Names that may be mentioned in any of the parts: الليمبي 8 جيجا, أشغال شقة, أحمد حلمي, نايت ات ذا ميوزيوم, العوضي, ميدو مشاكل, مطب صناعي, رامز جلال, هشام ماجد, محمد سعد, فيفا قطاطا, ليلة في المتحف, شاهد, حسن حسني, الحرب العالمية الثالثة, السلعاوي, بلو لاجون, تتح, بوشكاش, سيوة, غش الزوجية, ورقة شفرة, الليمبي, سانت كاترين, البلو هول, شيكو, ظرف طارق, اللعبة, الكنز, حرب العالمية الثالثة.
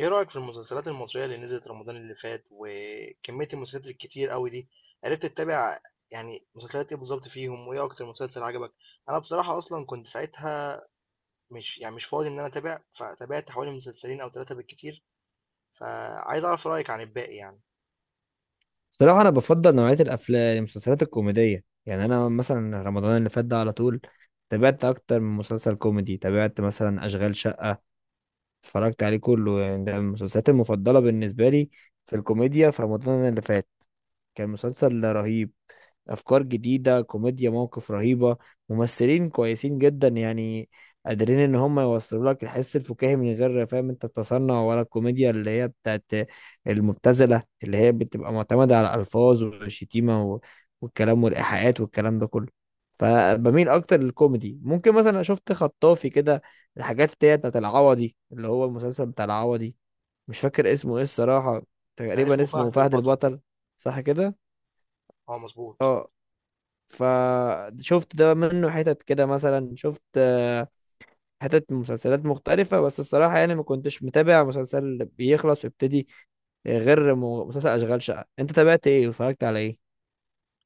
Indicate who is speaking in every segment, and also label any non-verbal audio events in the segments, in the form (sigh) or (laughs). Speaker 1: ايه رأيك في المسلسلات المصرية اللي نزلت رمضان اللي فات وكمية المسلسلات الكتير قوي دي؟ عرفت تتابع؟ يعني مسلسلات ايه بالظبط فيهم؟ وايه اكتر مسلسل عجبك؟ انا بصراحة اصلا كنت ساعتها مش يعني مش فاضي ان انا اتابع، فتابعت حوالي مسلسلين او ثلاثة بالكتير. فعايز اعرف رأيك عن الباقي يعني.
Speaker 2: صراحة، أنا بفضل نوعية الأفلام المسلسلات الكوميدية. يعني أنا مثلا رمضان اللي فات ده على طول تابعت أكتر من مسلسل كوميدي. تابعت مثلا أشغال شقة، اتفرجت عليه كله. يعني ده من المسلسلات المفضلة بالنسبة لي في الكوميديا في رمضان اللي فات. كان مسلسل رهيب، افكار جديده، كوميديا، مواقف رهيبه، ممثلين كويسين جدا. يعني قادرين ان هم يوصلوا لك الحس الفكاهي من غير فاهم انت التصنع، ولا الكوميديا اللي هي بتاعت المبتذله اللي هي بتبقى معتمده على الالفاظ والشتيمه والكلام والايحاءات والكلام ده كله. فبميل اكتر للكوميدي. ممكن مثلا شفت خطافي كده، الحاجات اللي هي بتاعت العوضي، اللي هو المسلسل بتاع العوضي. مش فاكر اسمه ايه الصراحه،
Speaker 1: كان
Speaker 2: تقريبا
Speaker 1: اسمه
Speaker 2: اسمه
Speaker 1: فهد
Speaker 2: فهد
Speaker 1: البطل.
Speaker 2: البطل. صح كده.
Speaker 1: اه، مظبوط.
Speaker 2: اه. فشفت ده منه حتت كده. مثلا شفت حتت من مسلسلات مختلفة. بس الصراحة يعني ما كنتش متابع مسلسل بيخلص ويبتدي غير مسلسل أشغال شقة. أنت تابعت إيه واتفرجت على إيه؟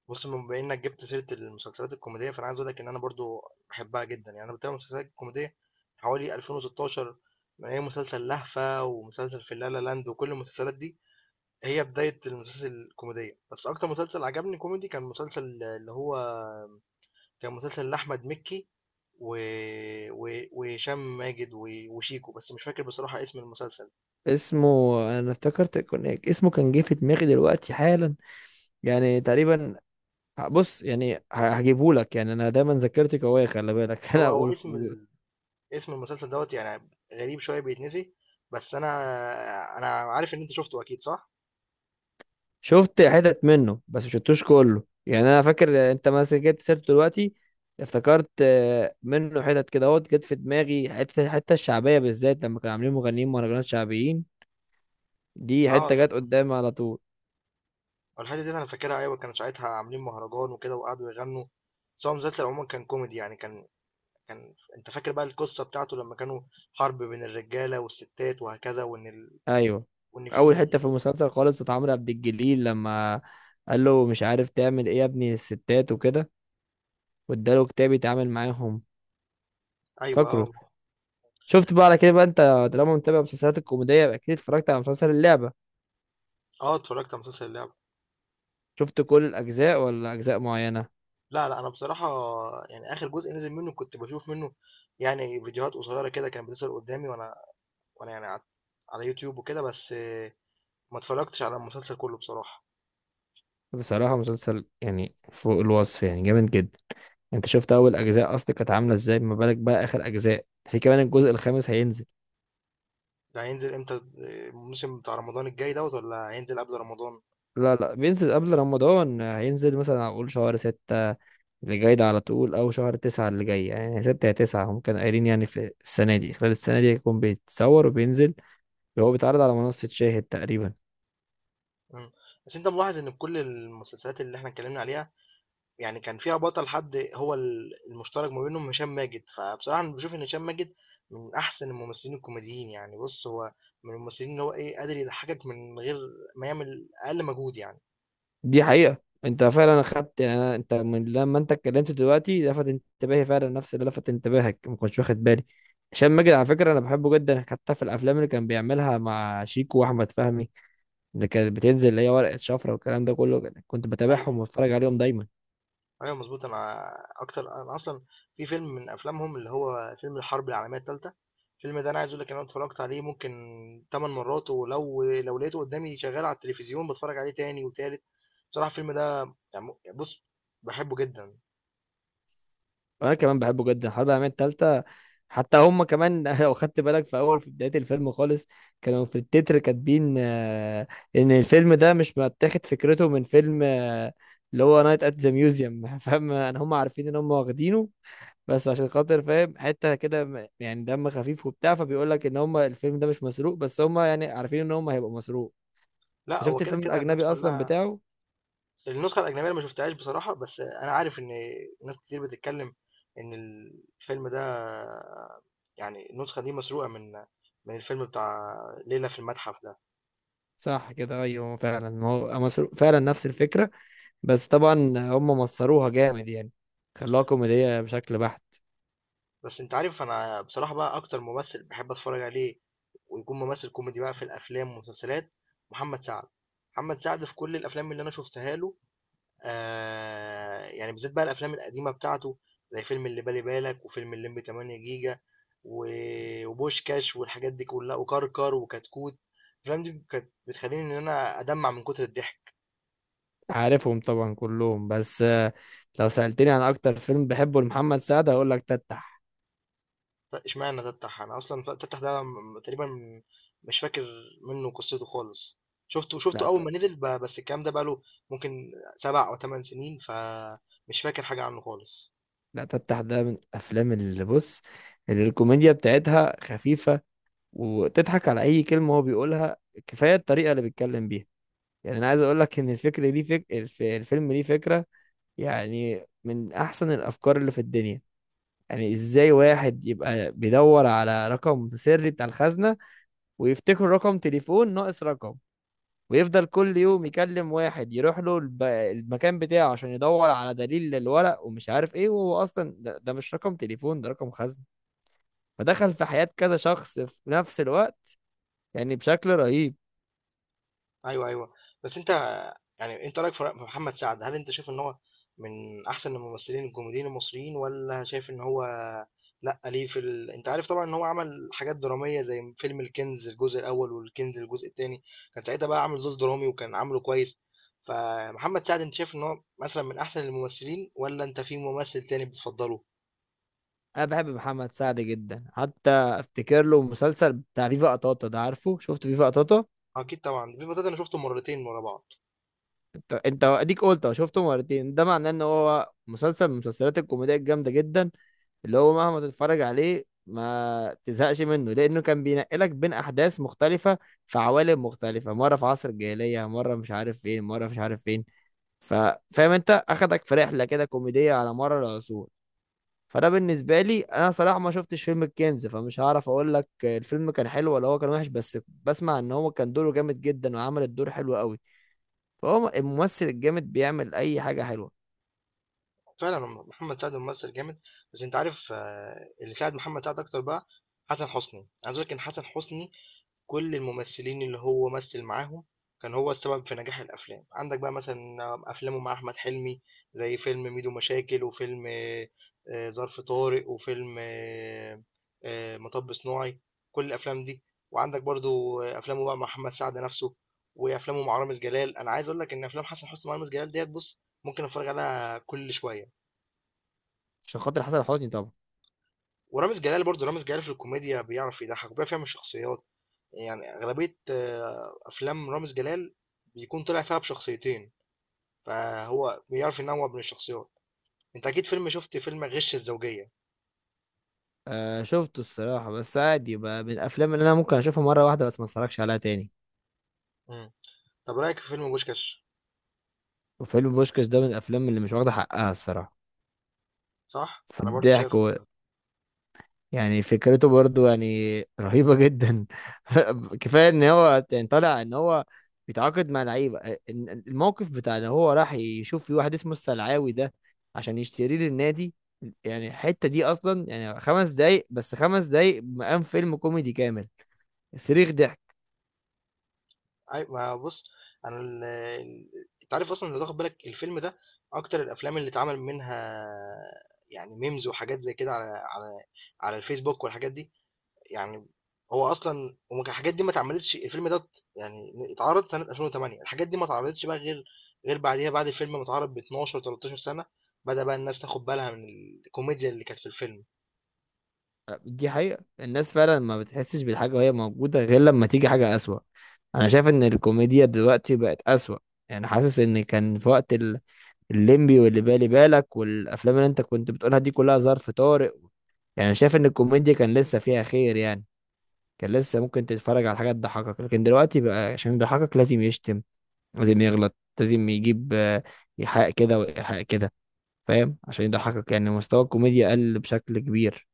Speaker 1: بص، بما انك جبت سيره المسلسلات الكوميديه، فانا عايز اقول لك ان انا برضو بحبها جدا. يعني انا بتابع مسلسلات كوميديه حوالي 2016، من اي مسلسل لهفه ومسلسل في لا لا لاند وكل المسلسلات دي، هي بدايه المسلسل الكوميديه. بس اكتر مسلسل عجبني كوميدي كان مسلسل اللي هو كان مسلسل لاحمد مكي و... وهشام ماجد وشيكو، بس مش فاكر بصراحه اسم المسلسل.
Speaker 2: اسمه، أنا افتكرت كان اسمه، كان جه في دماغي دلوقتي حالا يعني تقريبا. بص يعني هجيبهولك، يعني أنا دايما ذاكرتي قوية، خلي بالك (laughs) أنا
Speaker 1: هو او
Speaker 2: أقول.
Speaker 1: اسم اسم المسلسل دوت يعني غريب شويه بيتنسي، بس انا عارف ان انت شفته، اكيد صح.
Speaker 2: شفت حتت منه بس مش شفتوش كله. يعني انا فاكر انت مثلا جبت سيرته دلوقتي، افتكرت منه حتت كده اهوت جت في دماغي، الحته الشعبيه بالذات، لما كانوا عاملين مغنيين مهرجانات شعبيين. دي
Speaker 1: اه،
Speaker 2: حته جت قدامي على طول.
Speaker 1: الحته دي انا فاكرها. ايوه، كانوا ساعتها عاملين مهرجان وكده وقعدوا يغنوا. بس هو مسلسل عموما كان كوميدي، يعني كان انت فاكر بقى القصه بتاعته لما كانوا حرب بين الرجاله والستات وهكذا، وان
Speaker 2: ايوه.
Speaker 1: وان
Speaker 2: اول
Speaker 1: في.
Speaker 2: حته في المسلسل خالص بتاع عمرو عبد الجليل، لما قال له مش عارف تعمل ايه يا ابني الستات وكده، واداله كتاب يتعامل معاهم.
Speaker 1: ايوه. اه.
Speaker 2: فاكره. شفت بقى على كده بقى انت، طالما متابع مسلسلات الكوميديا يبقى اكيد اتفرجت على مسلسل اللعبه.
Speaker 1: اه، اتفرجت على مسلسل اللعبه.
Speaker 2: شفت كل الاجزاء ولا اجزاء معينه؟
Speaker 1: لا، لا، انا بصراحه يعني اخر جزء نزل منه كنت بشوف منه يعني فيديوهات قصيره كده كانت بتظهر قدامي، وانا يعني على يوتيوب وكده، بس ما اتفرجتش على المسلسل كله بصراحه.
Speaker 2: بصراحة مسلسل يعني فوق الوصف، يعني جامد جدا. انت شفت اول اجزاء اصلا كانت عاملة ازاي، ما بالك بقى اخر اجزاء، في كمان الجزء الخامس هينزل.
Speaker 1: ده هينزل امتى؟ الموسم بتاع رمضان الجاي دوت، ولا هينزل قبل رمضان؟
Speaker 2: لا لا، بينزل قبل رمضان. هينزل مثلا اقول شهر 6 اللي جاي ده على طول، او شهر 9 اللي جاي. يعني 6 يا 9 هم كانوا قايلين. يعني في السنة دي، خلال السنة دي هيكون بيتصور وبينزل. هو بيتعرض على منصة شاهد تقريبا.
Speaker 1: إمم. بس أنت ملاحظ إن في كل المسلسلات اللي إحنا اتكلّمنا عليها، يعني كان فيها بطل، حد هو المشترك ما بينهم هشام ماجد، فبصراحة أنا باشوف إن هشام ماجد من أحسن الممثلين الكوميديين. يعني بُص، هو من الممثلين اللي هو إيه، قادر يضحّكك من غير ما يعمل أقل مجهود يعني.
Speaker 2: دي حقيقة. انت فعلا اخدت يعني، انت من لما انت اتكلمت دلوقتي لفت انتباهي فعلا نفس اللي لفت انتباهك، ما كنتش واخد بالي. هشام ماجد على فكرة انا بحبه جدا، حتى في الافلام اللي كان بيعملها مع شيكو واحمد فهمي، اللي كانت بتنزل، اللي هي ورقة شفرة والكلام ده كله، كنت بتابعهم
Speaker 1: أيوه.
Speaker 2: واتفرج عليهم دايما.
Speaker 1: ايوه، مظبوط. انا اكتر، انا اصلا في فيلم من افلامهم اللي هو فيلم الحرب العالميه الثالثه، الفيلم ده انا عايز اقول لك إن انا اتفرجت عليه ممكن 8 مرات، ولو لقيته قدامي شغال على التلفزيون بتفرج عليه تاني وتالت. بصراحه الفيلم ده يعني بص، بحبه جدا.
Speaker 2: انا كمان بحبه جدا، حرب العالميه الثالثه. حتى هم كمان (laughs) لو خدت بالك في بدايه الفيلم خالص، كانوا في التتر كاتبين ان الفيلم ده مش متاخد فكرته من فيلم اللي هو نايت ات ذا ميوزيوم. (laughs) فاهم انا، هم عارفين ان هم واخدينه، بس عشان خاطر فاهم حته كده، يعني دم خفيف وبتاع، فبيقول لك ان هم الفيلم ده مش مسروق، بس هم يعني عارفين ان هم هيبقى مسروق. انت
Speaker 1: لا، هو
Speaker 2: شفت
Speaker 1: كده
Speaker 2: الفيلم
Speaker 1: كده
Speaker 2: الاجنبي
Speaker 1: الناس
Speaker 2: اصلا
Speaker 1: كلها.
Speaker 2: بتاعه؟
Speaker 1: النسخه الاجنبيه أنا ما شفتهاش بصراحه، بس انا عارف ان ناس كتير بتتكلم ان الفيلم ده يعني النسخه دي مسروقه من الفيلم بتاع ليله في المتحف ده.
Speaker 2: صح كده، ايوه فعلا هو مسروق فعلا، نفس الفكره. بس طبعا هم مصروها جامد يعني، خلوها كوميدية بشكل بحت.
Speaker 1: بس أنت عارف أنا بصراحة بقى أكتر ممثل بحب أتفرج عليه ويكون ممثل كوميدي بقى في الأفلام والمسلسلات، محمد سعد. محمد سعد في كل الأفلام اللي أنا شفتها له، آه، يعني بالذات بقى الأفلام القديمة بتاعته، زي فيلم اللي بالي بالك وفيلم الليمبي 8 جيجا وبوشكاش والحاجات دي كلها وكركر وكتكوت. الأفلام دي كانت بتخليني إن أنا أدمع من كتر الضحك.
Speaker 2: عارفهم طبعا كلهم، بس لو سألتني عن أكتر فيلم بحبه لمحمد سعد هقول لك تتح.
Speaker 1: لا، اشمعنى تفتح؟ انا اصلا تفتح ده تقريبا مش فاكر منه قصته خالص. شفته
Speaker 2: لا
Speaker 1: اول
Speaker 2: ت-
Speaker 1: ما نزل، بس الكلام ده بقاله ممكن 7 أو 8 سنين، فمش فاكر حاجه عنه خالص.
Speaker 2: لا تتح ده من الأفلام، اللي بص اللي الكوميديا بتاعتها خفيفة، وتضحك على أي كلمة هو بيقولها. كفاية الطريقة اللي بيتكلم بيها. يعني أنا عايز أقول لك إن الفكرة دي، الفيلم ليه فكرة يعني من أحسن الأفكار اللي في الدنيا. يعني إزاي واحد يبقى بيدور على رقم سري بتاع الخزنة، ويفتكروا رقم تليفون ناقص رقم، ويفضل كل يوم يكلم واحد يروح له المكان بتاعه عشان يدور على دليل للورق ومش عارف ايه، وهو اصلا ده مش رقم تليفون، ده رقم خزنة. فدخل في حياة كذا شخص في نفس الوقت، يعني بشكل رهيب.
Speaker 1: أيوه، أيوه. بس أنت يعني أنت رأيك في في محمد سعد، هل أنت شايف إن هو من أحسن الممثلين الكوميديين المصريين، والّا شايف إن هو لأ؟ ليه في ال أنت عارف طبعًا إن هو عمل حاجات درامية زي فيلم الكنز الجزء الأول والكنز الجزء التاني، كان ساعتها بقى عامل دور درامي وكان عامله كويس. فمحمد سعد أنت شايف إن هو مثلًا من أحسن الممثلين والّا أنت في ممثل تاني بتفضّله؟
Speaker 2: انا بحب محمد سعد جدا، حتى افتكر له مسلسل بتاع فيفا قطاطا ده، عارفه؟ شفت فيفا قطاطا؟
Speaker 1: أكيد طبعًا، الفيلم ده أنا شُفته مرّتين ورا بعض.
Speaker 2: انت اديك قلت أهو، شفته مرتين، ده معناه ان هو مسلسل من المسلسلات الكوميدية الجامدة جدا، اللي هو مهما تتفرج عليه ما تزهقش منه، لانه كان بينقلك بين احداث مختلفه في عوالم مختلفه. مره في عصر الجاهليه، مره مش عارف فين، مره مش عارف فين. ف- فاهم انت، اخدك في رحله كده كوميديه على مر العصور. فده بالنسبه لي، انا صراحه ما شفتش فيلم الكنز، فمش هعرف اقول لك الفيلم كان حلو ولا هو كان وحش، بس بسمع ان هو كان دوره جامد جدا وعمل الدور حلو قوي. فهو الممثل الجامد بيعمل اي حاجه حلوه.
Speaker 1: فعلًا، محمد سعد ممثّل جامد. بس أنت عارف، اللي ساعد محمد سعد أكتر بقى حسن حسني. عايز أقول لك إن حسن حسني كل الممثلين اللي هو مثّل معاهم كان هو السبب في نجاح الأفلام. عندك بقى مثلًا أفلامه مع أحمد حلمي، زي فيلم ميدو مشاكل، وفيلم ظرف طارق، وفيلم مطب صناعي، كل الأفلام دي، وعندك برضه أفلامه بقى مع محمد سعد نَفْسه، وأفلامه مع رامز جلال. أنا عايز أقول لك إن أفلام حسن حسني مع رامز جلال ديّة بُص، ممكن أتفرّج عليها كل شوية.
Speaker 2: عشان خاطر حسن حسني طبعا.
Speaker 1: ورامز جلال برضه، رامز جلال في الكوميديا بيعرف يضحك وبيعرف يعمل شخصيات. يعني أغلبية أفلام رامز جلال بيكون طلع فيها بشخصيتين، فهو بيعرف ينوع بين الشخصيات. أنت أكيد شفت فيلم غش الزوجية.
Speaker 2: آه شفته الصراحة، بس عادي بقى، من الأفلام اللي أنا ممكن أشوفها مرة واحدة بس ما أتفرجش عليها تاني.
Speaker 1: مم. طب رأيك في فيلم بوشكاش؟
Speaker 2: وفيلم بوشكاش ده من الأفلام اللي مش واخدة حقها الصراحة
Speaker 1: صح؟
Speaker 2: في
Speaker 1: أنا برضو شايف.
Speaker 2: الضحك يعني فكرته برضو يعني رهيبة جدا. (laughs) كفاية إن هو يعني طالع إن هو بيتعاقد مع لعيبة، الموقف بتاع إن هو راح يشوف في واحد اسمه السلعاوي ده عشان يشتريه للنادي. يعني الحتة دي أصلا يعني 5 دقايق، بس 5 دقايق مقام فيلم كوميدي كامل. صريخ ضحك.
Speaker 1: أي ما بص، أنا أنت عارف أصلا، لو تاخد بالك الفيلم ده أكتر الأفلام اللي اتعمل منها يعني ميمز وحاجات زي كده على على الفيسبوك والحاجات دي، يعني هو أصلًا وما كان الحاجات دي ما اتعملتش. الفيلم ده يعني اتعرض سنة 2008، الحاجات دي ما اتعرضتش بقى غير بعديها، بعد الفيلم ما اتعرض ب12 13 سنة، بدأ بقى الناس تاخد بالها من الكوميديا اللي كانت في الفيلم.
Speaker 2: دي حقيقة، الناس فعلا ما بتحسش بالحاجة وهي موجودة غير لما تيجي حاجة أسوأ. أنا شايف إن الكوميديا دلوقتي بقت أسوأ. يعني حاسس إن كان في وقت الليمبي واللي بالي بالك والأفلام اللي أنت كنت بتقولها دي كلها، ظرف طارئ. يعني شايف إن الكوميديا كان لسه فيها خير. يعني كان لسه ممكن تتفرج على حاجة تضحكك، لكن دلوقتي بقى عشان يضحكك لازم يشتم، لازم يغلط، لازم يجيب إيحاء كده وإيحاء كده، فاهم؟ عشان يضحكك يعني مستوى الكوميديا قل بشكل كبير.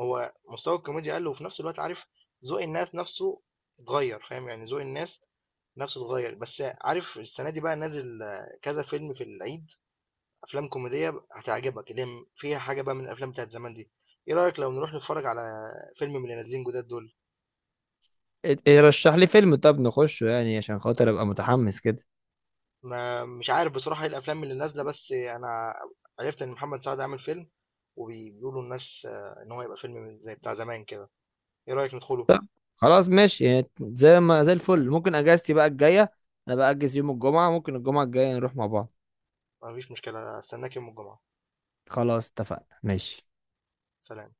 Speaker 1: هو مستوى الكوميديا قَل، وفي نفس الوقت، عارف، ذوق الناس نفسه اتغيّر، فاهم، يعني ذوق الناس نفسه اتغيّر. بس عارف، السنة دي بقى نازل كذا فيلم في العيد، أفلام كوميدية هتعجبك اللي هي فيها حاجة بقى من الأفلام بتاعة زمان دي. إيه رأيك لو نروح نتفرج على فيلم من اللي نازلين جداد دول؟
Speaker 2: إيه، رشح لي فيلم طب نخشه، يعني عشان خاطر ابقى متحمس كده.
Speaker 1: ما مش عارف بصراحة ايه الافلام اللي نازلة، بس انا عرفت ان محمد سعد عامل فيلم، وبيقولوا الناس ان هو يبقى فيلم زي بتاع زمان كده. ايه رأيك ندخله؟
Speaker 2: خلاص ماشي، يعني زي ما زي الفل. ممكن اجازتي بقى الجايه، انا بأجز يوم الجمعه، ممكن الجمعه الجايه نروح مع بعض.
Speaker 1: مفيش مشكلة، استناك يوم الجمعة.
Speaker 2: خلاص اتفقنا ماشي.
Speaker 1: سلام.